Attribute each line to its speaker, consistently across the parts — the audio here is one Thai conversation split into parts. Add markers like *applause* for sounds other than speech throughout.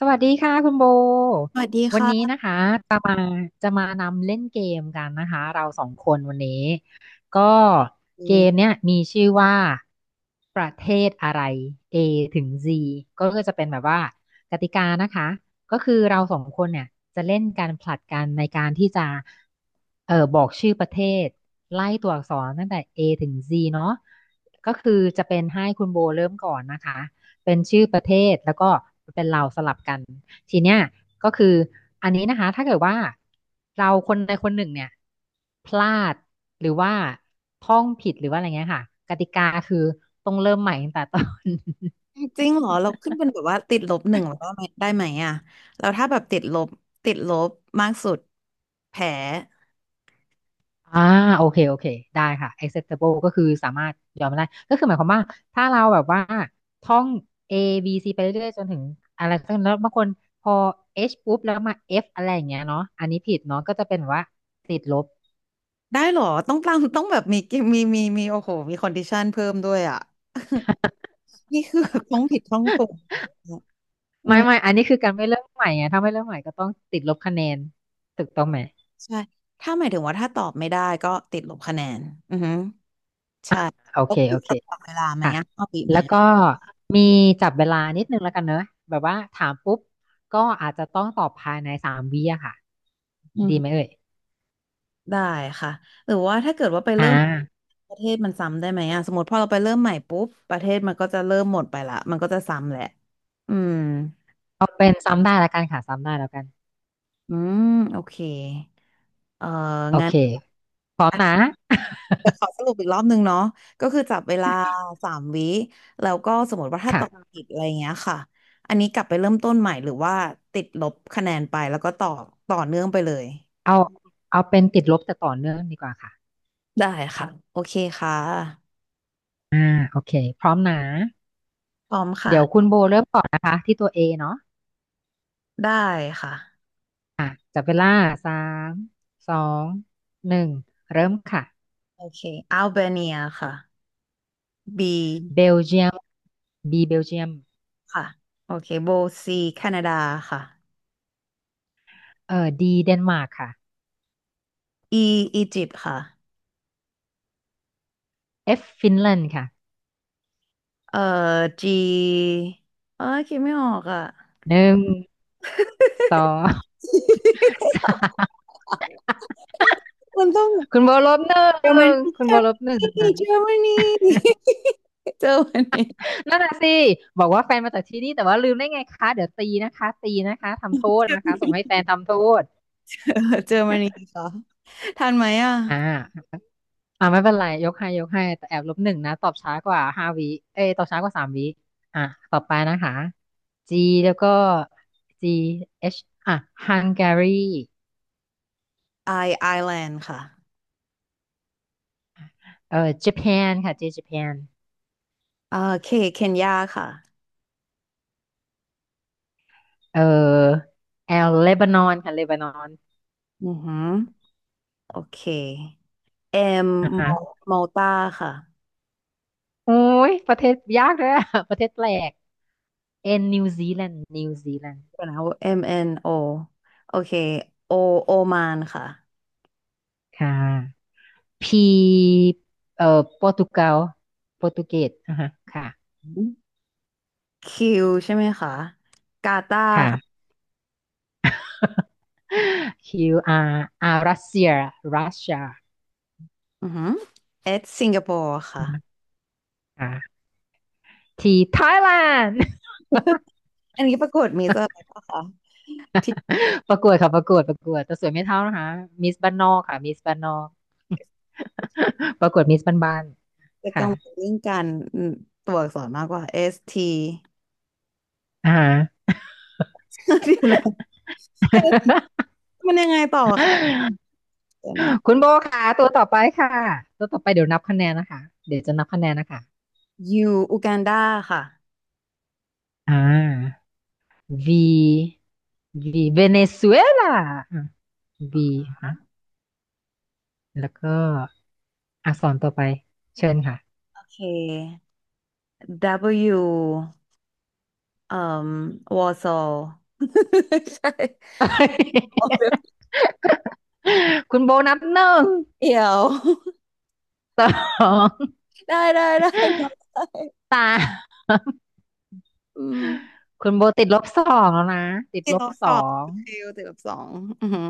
Speaker 1: สวัสดีค่ะคุณโบ
Speaker 2: สวัสดี
Speaker 1: วันนี้
Speaker 2: ค่ะ
Speaker 1: นะคะจะมาจะมานำเล่นเกมกันนะคะเราสองคนวันนี้ก็
Speaker 2: เล
Speaker 1: เก
Speaker 2: ย
Speaker 1: มเนี้ยมีชื่อว่าประเทศอะไร A ถึง Z ก็ก็จะเป็นแบบว่ากติกานะคะก็คือเราสองคนเนี่ยจะเล่นการผลัดกันในการที่จะบอกชื่อประเทศไล่ตัวอักษรตั้งแต่ A ถึง Z เนาะก็คือจะเป็นให้คุณโบเริ่มก่อนนะคะ เป็นชื่อประเทศแล้วก็เป็นเราสลับกันทีเนี้ยก็คืออันนี้นะคะถ้าเกิดว่าเราคนใดคนหนึ่งเนี่ยพลาดหรือว่าท่องผิดหรือว่าอะไรเงี้ยค่ะกติกาคือต้องเริ่มใหม่ตั้งแต่ต้น
Speaker 2: จริงเหรอเราขึ้นเป็นแบบว่าติดลบหนึ่งแล้วได้ไหมอ่ะเราถ้าแบบติดลบมากสุดแผล
Speaker 1: *laughs* อ่าโอเคโอเคได้ค่ะ acceptable ก็คือสามารถยอมได้ก็คือหมายความว่าถ้าเราแบบว่าท่อง A B C ไปเรื่อยๆจนถึงอะไรสัก่แล้วบางคนพอ H ปุ๊บแล้วมา F อะไรอย่างเงี้ยเนาะอันนี้ผิดเนาะก็จะเป็นแบบว่าติดลบ
Speaker 2: ได้เหรอต้องแบบมีมีมีมีโอ้โหมีคอนดิชันเพิ่มด้วยอ่ะนี่คือแบบต้องผิดต้องถูกอื
Speaker 1: ไม่ไม่
Speaker 2: ม
Speaker 1: อันนี้คือการไม่เริ่มใหม่ไงถ้าไม่เริ่มใหม่ก็ต้องติดลบคะแนนถูกต้องไหม
Speaker 2: ใช่ถ้าหมายถึงว่าถ้าตอบไม่ได้ก็ติดลบคะแนนอือฮึใช่
Speaker 1: โอ
Speaker 2: แล้
Speaker 1: เค
Speaker 2: วคุ
Speaker 1: โอ
Speaker 2: ณ
Speaker 1: เค
Speaker 2: จะตอบเวลาไหม
Speaker 1: ค่ะ
Speaker 2: อ่ะเอาปีไหม
Speaker 1: แล้วก็มีจับเวลานิดนึงแล้วกันเนอะแบบว่าถามปุ๊บก็อาจจะต้องตอบภายในสามวิอะค่ะดีไหมเอ่ย
Speaker 2: ได้ค่ะหรือว่าถ้าเกิดว่าไป
Speaker 1: อ่า
Speaker 2: เริ่มประเทศมันซ้ำได้ไหมอ่ะสมมติพอเราไปเริ่มใหม่ปุ๊บประเทศมันก็จะเริ่มหมดไปละมันก็จะซ้ำแหละอืม
Speaker 1: เอาเป็นซ้ำได้แล้วกันค่ะซ้ำได้แล้วกัน
Speaker 2: อืมโอเคเอ่อ
Speaker 1: โอ
Speaker 2: งั้น
Speaker 1: เคพร้อมนะ
Speaker 2: จะขอสรุปอีกรอบนึงเนาะก็คือจับเวลาสามวิแล้วก็สมมติว่า
Speaker 1: *laughs*
Speaker 2: ถ้าตอบ
Speaker 1: ค่ะ
Speaker 2: ผิดอะไรเงี้ยค่ะอันนี้กลับไปเริ่มต้นใหม่หรือว่าติดลบคะแนนไปแล้วก็ต่อเนื่องไปเลย
Speaker 1: เอาเอาเป็นติดลบแต่ต่อเนื่องดีกว่าค่ะ
Speaker 2: ได้ค่ะโอเคค่ะ
Speaker 1: อ่าโอเคพร้อมนะ
Speaker 2: พร้อมค่ะ
Speaker 1: เดี๋ยวคุณโบเริ่มก่อนนะคะที่ตัว A เนาะ
Speaker 2: ได้ค่ะ
Speaker 1: อ่ะจับเวลาสามสองหนึ่งเริ่มค่ะ
Speaker 2: โอเคอัลเบเนียค่ะ B
Speaker 1: เบลเยียม B เบลเยียม
Speaker 2: ค่ะโอเคโบ C แคนาดาค่ะ
Speaker 1: D เดนมาร์กค่ะ
Speaker 2: E อียิปต์ค่ะ
Speaker 1: F ฟินแลนด์ค่ะ
Speaker 2: เอ่อ G เอ้ยคิดไม่ออกอ่ะ
Speaker 1: หนึ่งสองสาม
Speaker 2: มันต้อง
Speaker 1: คุณโบลบหนึ่
Speaker 2: เยอรม
Speaker 1: ง
Speaker 2: นี
Speaker 1: คุณโบลบหนึ่งนะ
Speaker 2: เจอรมนีเยอรมนีเจอมันนี้
Speaker 1: นั่นน่ะสิบอกว่าแฟนมาจากที่นี่แต่ว่าลืมได้ไงคะเดี๋ยวตีนะคะตีนะคะทำโทษนะคะส่งให้แฟนทำโทษ
Speaker 2: เออเจอมันนี้ *laughs* ค่ะทันไหมอ่ะ
Speaker 1: อ่า อ่าไม่เป็นไรยกให้ยกให้แต่แอบลบหนึ่งนะตอบช้ากว่าห้าวิเอ้ยตอบช้ากว่าสามวิอ่ะต่อไปนะคะ G แล้วก็ G H อ่ะ Hungary
Speaker 2: I Island ค่ะ
Speaker 1: Japan ค่ะ J Japan
Speaker 2: อ่าเคเคนยาค่ะ
Speaker 1: เอ่อ L Lebanon ค่ะ Lebanon
Speaker 2: อือหือโอเค M
Speaker 1: อ่ะฮะ
Speaker 2: มอลตาค่ะ
Speaker 1: โอ้ยประเทศยากเลยอะ *laughs* ประเทศแปลก N New Zealand New Zealand
Speaker 2: เดี๋ยวนะ M N O โอเค O โอมานค่ะ
Speaker 1: ค่ะ P โปรตุเกสโปรตุเกสอ่ะฮะค่ะ
Speaker 2: คิวใช่ไหมคะกาตาร์
Speaker 1: ค่ะ
Speaker 2: ค่ะ
Speaker 1: *laughs* Q R R รัสเซียรัสเซีย
Speaker 2: อือหือเอสสิงคโปร์ค่ะ
Speaker 1: อ่า T ไทยแลนด์
Speaker 2: อันนี้ปรากฏมีเซอร์อะไรปะคะที่
Speaker 1: *laughs* ประกวดค่ะประกวดประกวดแต่สวยไม่เท่านะคะมิสบ้านนอกค่ะมิสบ้านนอก *laughs* ประกวดมิสบ้าน
Speaker 2: จะ
Speaker 1: ๆ
Speaker 2: กั
Speaker 1: ค่ะ
Speaker 2: งวลเรื่องการอืมตัวอักษรมากกว่า S T
Speaker 1: อ่า
Speaker 2: *laughs* เดี๋ยวนะ S มันยังไงต่อคะ
Speaker 1: *laughs*
Speaker 2: เดี๋ยวนะ
Speaker 1: คุณโบค่ะตัวต่อไปค่ะ ตัวต่อไปเดี๋ยวนับคะแนนนะคะ เดี๋ยวจะนับคะแนนนะคะ
Speaker 2: U อูกันดาค่ะ
Speaker 1: อ่า V V เวเนซุเอลา V ฮะแล้วก็อักษรต่อไป เชิญค่ะ
Speaker 2: โอเค W เอ่มวอร์ซอ *laughs* ลใช่โอ
Speaker 1: *laughs*
Speaker 2: เค
Speaker 1: คุณโบนับหนึ่ง
Speaker 2: เดี๋ยว
Speaker 1: สอง
Speaker 2: *laughs* ได้ได้ *laughs* ได้ได้
Speaker 1: ตาม
Speaker 2: อืม
Speaker 1: คุณโบติดลบสองแล้วนะติด
Speaker 2: ติ
Speaker 1: ล
Speaker 2: ดล
Speaker 1: บ
Speaker 2: บ
Speaker 1: ส
Speaker 2: ส
Speaker 1: อ
Speaker 2: อง
Speaker 1: ง
Speaker 2: คิวติดลบสองอือหือ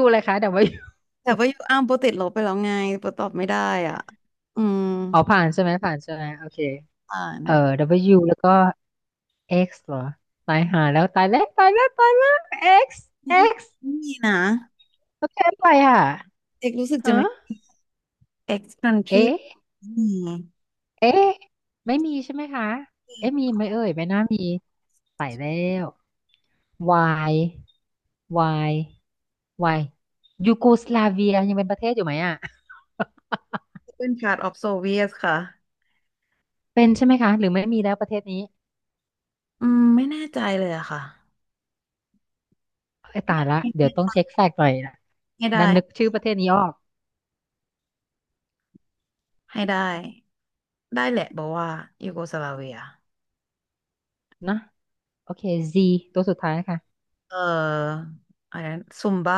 Speaker 1: W เลยคะ W *laughs*
Speaker 2: แต่ว่ายูอ้ามโปรติดลบไปแล้วไงโปรตอบไม่ได้อ่ะ อืม
Speaker 1: อ๋อผ่านใช่ไหมผ่านใช่ไหมโอเค
Speaker 2: อ่าน
Speaker 1: เออ W แล้วก็ X เหรอตายหาแล้วตายแล้วตายแล้วตายแล้ว X X
Speaker 2: ไม่มีนะ
Speaker 1: โอเค่อไปอ่ะ
Speaker 2: เอกรู้สึกจะ
Speaker 1: ฮะ
Speaker 2: ไม่ ex country
Speaker 1: เอ๊ะ
Speaker 2: อืม
Speaker 1: เอ๊ะไม่มีใช่ไหมคะเอ๊ะมีไหมเอ่ยไม่น่ามีตายแล้ว วายวายวายยูโกสลาเวียยังเป็นประเทศอยู่ไหมอ่ะ
Speaker 2: เป็น part of Soviet ค่ะ
Speaker 1: เป็นใช่ไหมคะหรือไม่มีแล้วประเทศนี้
Speaker 2: อืมไม่แน่ใจเลยอะค่ะ
Speaker 1: ไอ้ยตายละเดี๋ยวต้องเช็คแฟกต์หน่อยนะ
Speaker 2: ให้ได้
Speaker 1: ดันนึกชื่อประเทศนี้ออก
Speaker 2: ให้ได้ ได้แหละบอกว่ายูโกสลาเวีย
Speaker 1: นะ โอเค Z ตัวสุดท้ายค่ะ
Speaker 2: เอออะไรนะซุมบ้า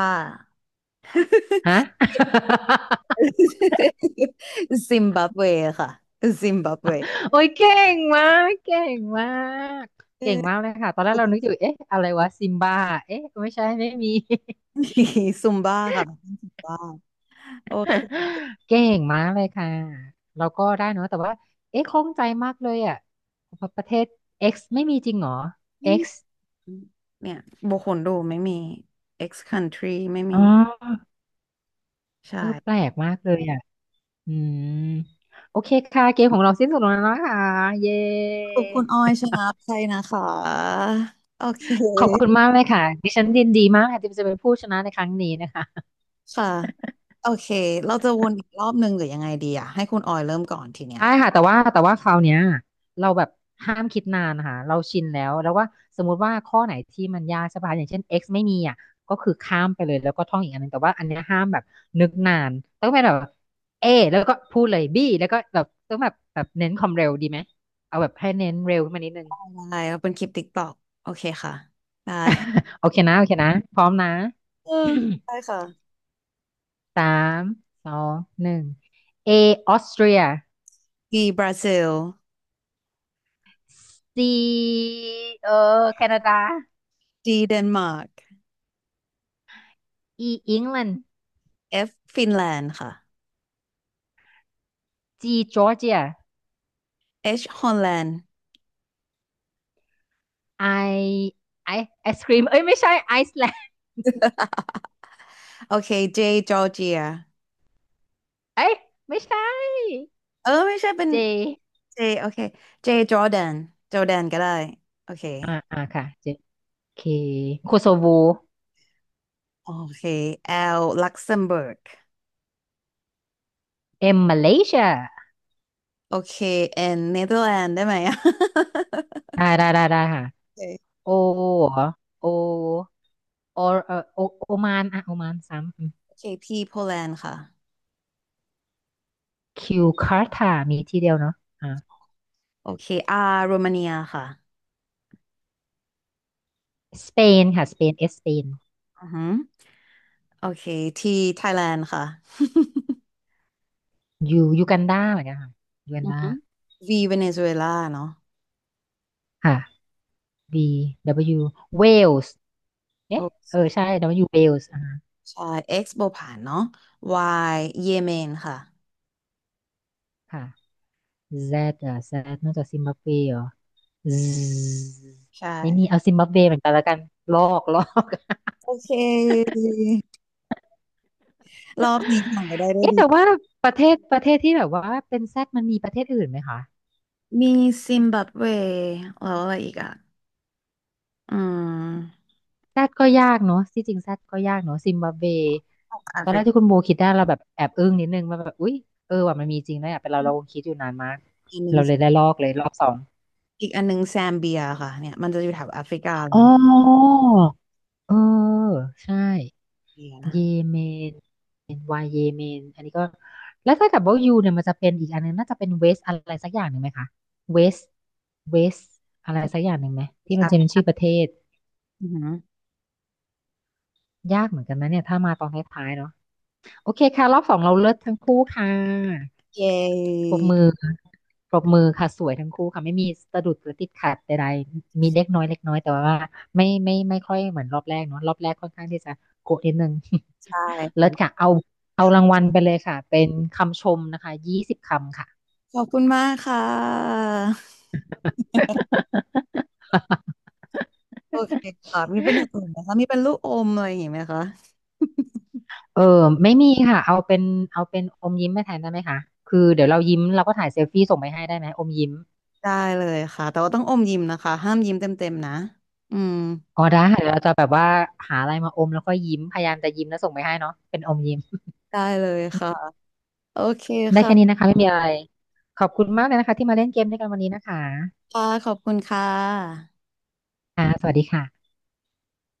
Speaker 1: ฮะ *laughs*
Speaker 2: *laughs* ซิมบับเวค่ะซิมบับเว *laughs*
Speaker 1: โอ้ยเก่งมาก เก่งมาก
Speaker 2: เอ
Speaker 1: เก่งมาก
Speaker 2: อ
Speaker 1: เลยค่ะ ตอนแรกเรานึกอยู่ เอ๊ะอะไรวะซิมบ้าเอ๊ะไม่ใช่ไม่มี
Speaker 2: ซุมบ้าค่ะซุมบ้าโอเค
Speaker 1: *laughs* เก่งมากเลยค่ะเราก็ได้เนอะแต่ว่าเอ๊ะข้องใจมากเลยอ่ะประเทศ X ไม่มีจริงเหรอ
Speaker 2: ไม่
Speaker 1: X
Speaker 2: มีเนี่ยโบคนดูไม่มี X country ไม่มี
Speaker 1: อ๋อ
Speaker 2: ใช่
Speaker 1: เออแปลกมากเลยอ่ะอืมโอเคค่ะเกมของเราสิ้นสุดลงแล้วนะคะเย้
Speaker 2: ขอบคุณออยชนะใจนะคะโอเค
Speaker 1: ขอบคุณมากเลยค่ะดิฉันยินดีมากค่ะที่จะเป็นผู้ชนะในครั้งนี้นะคะ
Speaker 2: ค่ะโอเคเราจะวนอีกรอบหนึ่งหรือยังไงดีอ่ะให้คุณออยเริ่มก่อนทีเนี้ย
Speaker 1: ได้ค่ะแต่ว่าแต่ว่าคราวเนี้ยเราแบบห้ามคิดนานนะคะเราชินแล้วแล้วว่าสมมุติว่าข้อไหนที่มันยากใช่ป่ะอย่างเช่น x ไม่มีอ่ะก็คือข้ามไปเลยแล้วก็ท่องอีกอันหนึงแต่ว่าอันเนี้ยห้ามแบบนึกนานต้องเป็นแบบ A แล้วก็พูดเลย B แล้วก็แบบต้องแบบแบบเน้นความเร็วดีไหมเอาแบบให้เน้นเร็วขึ้นมานิดนึง
Speaker 2: ได้เราเป็นคลิปติ๊กตอกโอเคค่ะได้
Speaker 1: *laughs* โอเคนะโอเคนะพร้อมนะ
Speaker 2: เออได้ค่ะ
Speaker 1: *coughs* สามสองหนึ่ง A ออสเตรีย
Speaker 2: b บราซิล
Speaker 1: C เออแคนาดา
Speaker 2: D เดนมาร์ก
Speaker 1: E อังกฤษ
Speaker 2: F ฟินแลนด์ค่ะ
Speaker 1: จีจอร์เจีย
Speaker 2: H ฮอลแลนด์
Speaker 1: ไอไอไอศครีมเอ้ยไม่ใช่ไอซ์แลนด์
Speaker 2: โอเค J จอร์เจีย
Speaker 1: เอ้ยไม่ใช่
Speaker 2: เออไม่ใช่เป็น
Speaker 1: เจ
Speaker 2: เจโอเคเจจอร์แดนจอร์แดนก็ได้โอเค
Speaker 1: อ่าอ่าค่ะเจโอเคโคโซโว
Speaker 2: โอเคแอลลักเซมเบิร์ก
Speaker 1: เอ็มมาเลเซีย
Speaker 2: โอเคแอนเนเธอร์แลนด์ได้ไหมอะ *laughs*
Speaker 1: ได้ได้ได้ได้ค่ะ
Speaker 2: โอเค
Speaker 1: โอเหรอโอโอเออโอโอมานอ่ะโอมานซ้ำ
Speaker 2: โอเคพีโปแลนด์ค่ะ
Speaker 1: คิวคาร์ทามีที่เดียวเนาะอ่า
Speaker 2: โอเคอาร์โรมาเนียค่ะ
Speaker 1: สเปนค่ะสเปนเอสเปน
Speaker 2: อือฮึโอเคทีไทยแลนด์ค่ะ *laughs*
Speaker 1: ยูยูกันดาเหมือนกันค่ะยูกัน
Speaker 2: อือ
Speaker 1: ดา
Speaker 2: ฮึวีเวเนซุเอลาเนาะ
Speaker 1: ค่ะ B W Wales
Speaker 2: โอ
Speaker 1: เอ๊ะ
Speaker 2: เค
Speaker 1: เออใช่ W Wales อ่า
Speaker 2: ใช่ X โบผานเนาะ Y เยเมนค่ะ
Speaker 1: ค่ะ Z อ่ะ Z นอกจากซิมบับเวเหรอ Z
Speaker 2: ใช่
Speaker 1: ไม่มีเอาซิมบับเวเหมือนกันแล้วกันลอก
Speaker 2: โอเครอบนี้ผ่านไปได้
Speaker 1: *laughs*
Speaker 2: ด้วย
Speaker 1: เอ๊ะ
Speaker 2: ดี
Speaker 1: แต่ว่าประเทศที่แบบว่าเป็น Z มันมีประเทศอื่นไหมคะ
Speaker 2: มีซิมบับเวแล้วอะไรอีกอ่ะอืม
Speaker 1: Z ก็ยากเนาะที่จริง Z ก็ยากเนาะซิมบับเว
Speaker 2: แอ
Speaker 1: ตอ
Speaker 2: ฟ
Speaker 1: นแร
Speaker 2: ริ
Speaker 1: กที่คุ
Speaker 2: กา
Speaker 1: ณโบคิดได้เราแบบแอบอึ้งนิดนึงมาแบบอุ๊ยเออว่ามันมีจริงนะอ่ะเป็นเราคงคิดอยู่นานมาก
Speaker 2: อันหนึ่ง
Speaker 1: เราเลยได้ลอกเลยรอบสอง
Speaker 2: อีกอันหนึ่งแซมเบียค่ะเนี่ยมันจะอยู่แถวแอฟริกาเล
Speaker 1: อ๋อ
Speaker 2: ย
Speaker 1: เออใช่
Speaker 2: เบียนะ
Speaker 1: เยเมนวายเยเมนอันนี้ก็แล้วถ้ากิดว่ายูเนี่ยมันจะเป็นอีกอันนึงน่าจะเป็นเวสอะไรสักอย่างหนึ่งไหมคะเวสเวสอะไรสักอย่างหนึ่งไหม
Speaker 2: อี
Speaker 1: ที่
Speaker 2: ก
Speaker 1: มัน
Speaker 2: อัน
Speaker 1: จะเป็นชื่อประเทศ
Speaker 2: อือหือ
Speaker 1: ยากเหมือนกันนะเนี่ยถ้ามาตอนท้ายๆเนาะโอเคค่ะรอบสองเราเลิศทั้งคู่ค่ะ
Speaker 2: เย
Speaker 1: ปรบ
Speaker 2: ้
Speaker 1: มือปรบมือค่ะสวยทั้งคู่ค่ะไม่มีสะดุดหรือติดขัดใดๆมีเล็กน้อยแต่ว่าไม่ไม่ค่อยเหมือนรอบแรกเนาะรอบแรกค่อนข้างที่จะโกะนิดนึง
Speaker 2: ใช่
Speaker 1: *laughs* เลิศค่ะ
Speaker 2: ค่ะ
Speaker 1: เอารางวัลไปเลยค่ะเป็นคำชมนะคะ20 คำค่ะ
Speaker 2: ขอบคุณมากค่ะ
Speaker 1: *laughs*
Speaker 2: โอเคค่ะ มีเป็นอย่างอื่นไหมคะมีเป็นลูกอมอะไรอย่างงี้ไหมคะ
Speaker 1: เออไม่มีค่ะเอาเป็นอมยิ้มมาแทนได้ไหมคะคือเดี๋ยวเรายิ้มเราก็ถ่ายเซลฟี่ส่งไปให้ได้ไหมอมยิ้ม
Speaker 2: ได้เลยค่ะ แต่ว่าต้องอมยิ้มนะคะ ห้ามยิ้มเต็มๆนะ อืม
Speaker 1: อ๋อได้ค่ะเดี๋ยวเราจะแบบว่าหาอะไรมาอมแล้วก็ยิ้มพยายามจะยิ้มแล้วส่งไปให้เนาะเป็นอมยิ้ม
Speaker 2: ได้เลยค่ะ โอเค
Speaker 1: ได้แค่นี้
Speaker 2: ค่ะ
Speaker 1: นะคะไม่มีอะไรขอบคุณมากเลยนะคะที่มาเล่นเกมด้วยกันวันนี้นะคะ
Speaker 2: ค่ะขอบคุณค่ะ
Speaker 1: ค่ะสวัสดีค่ะ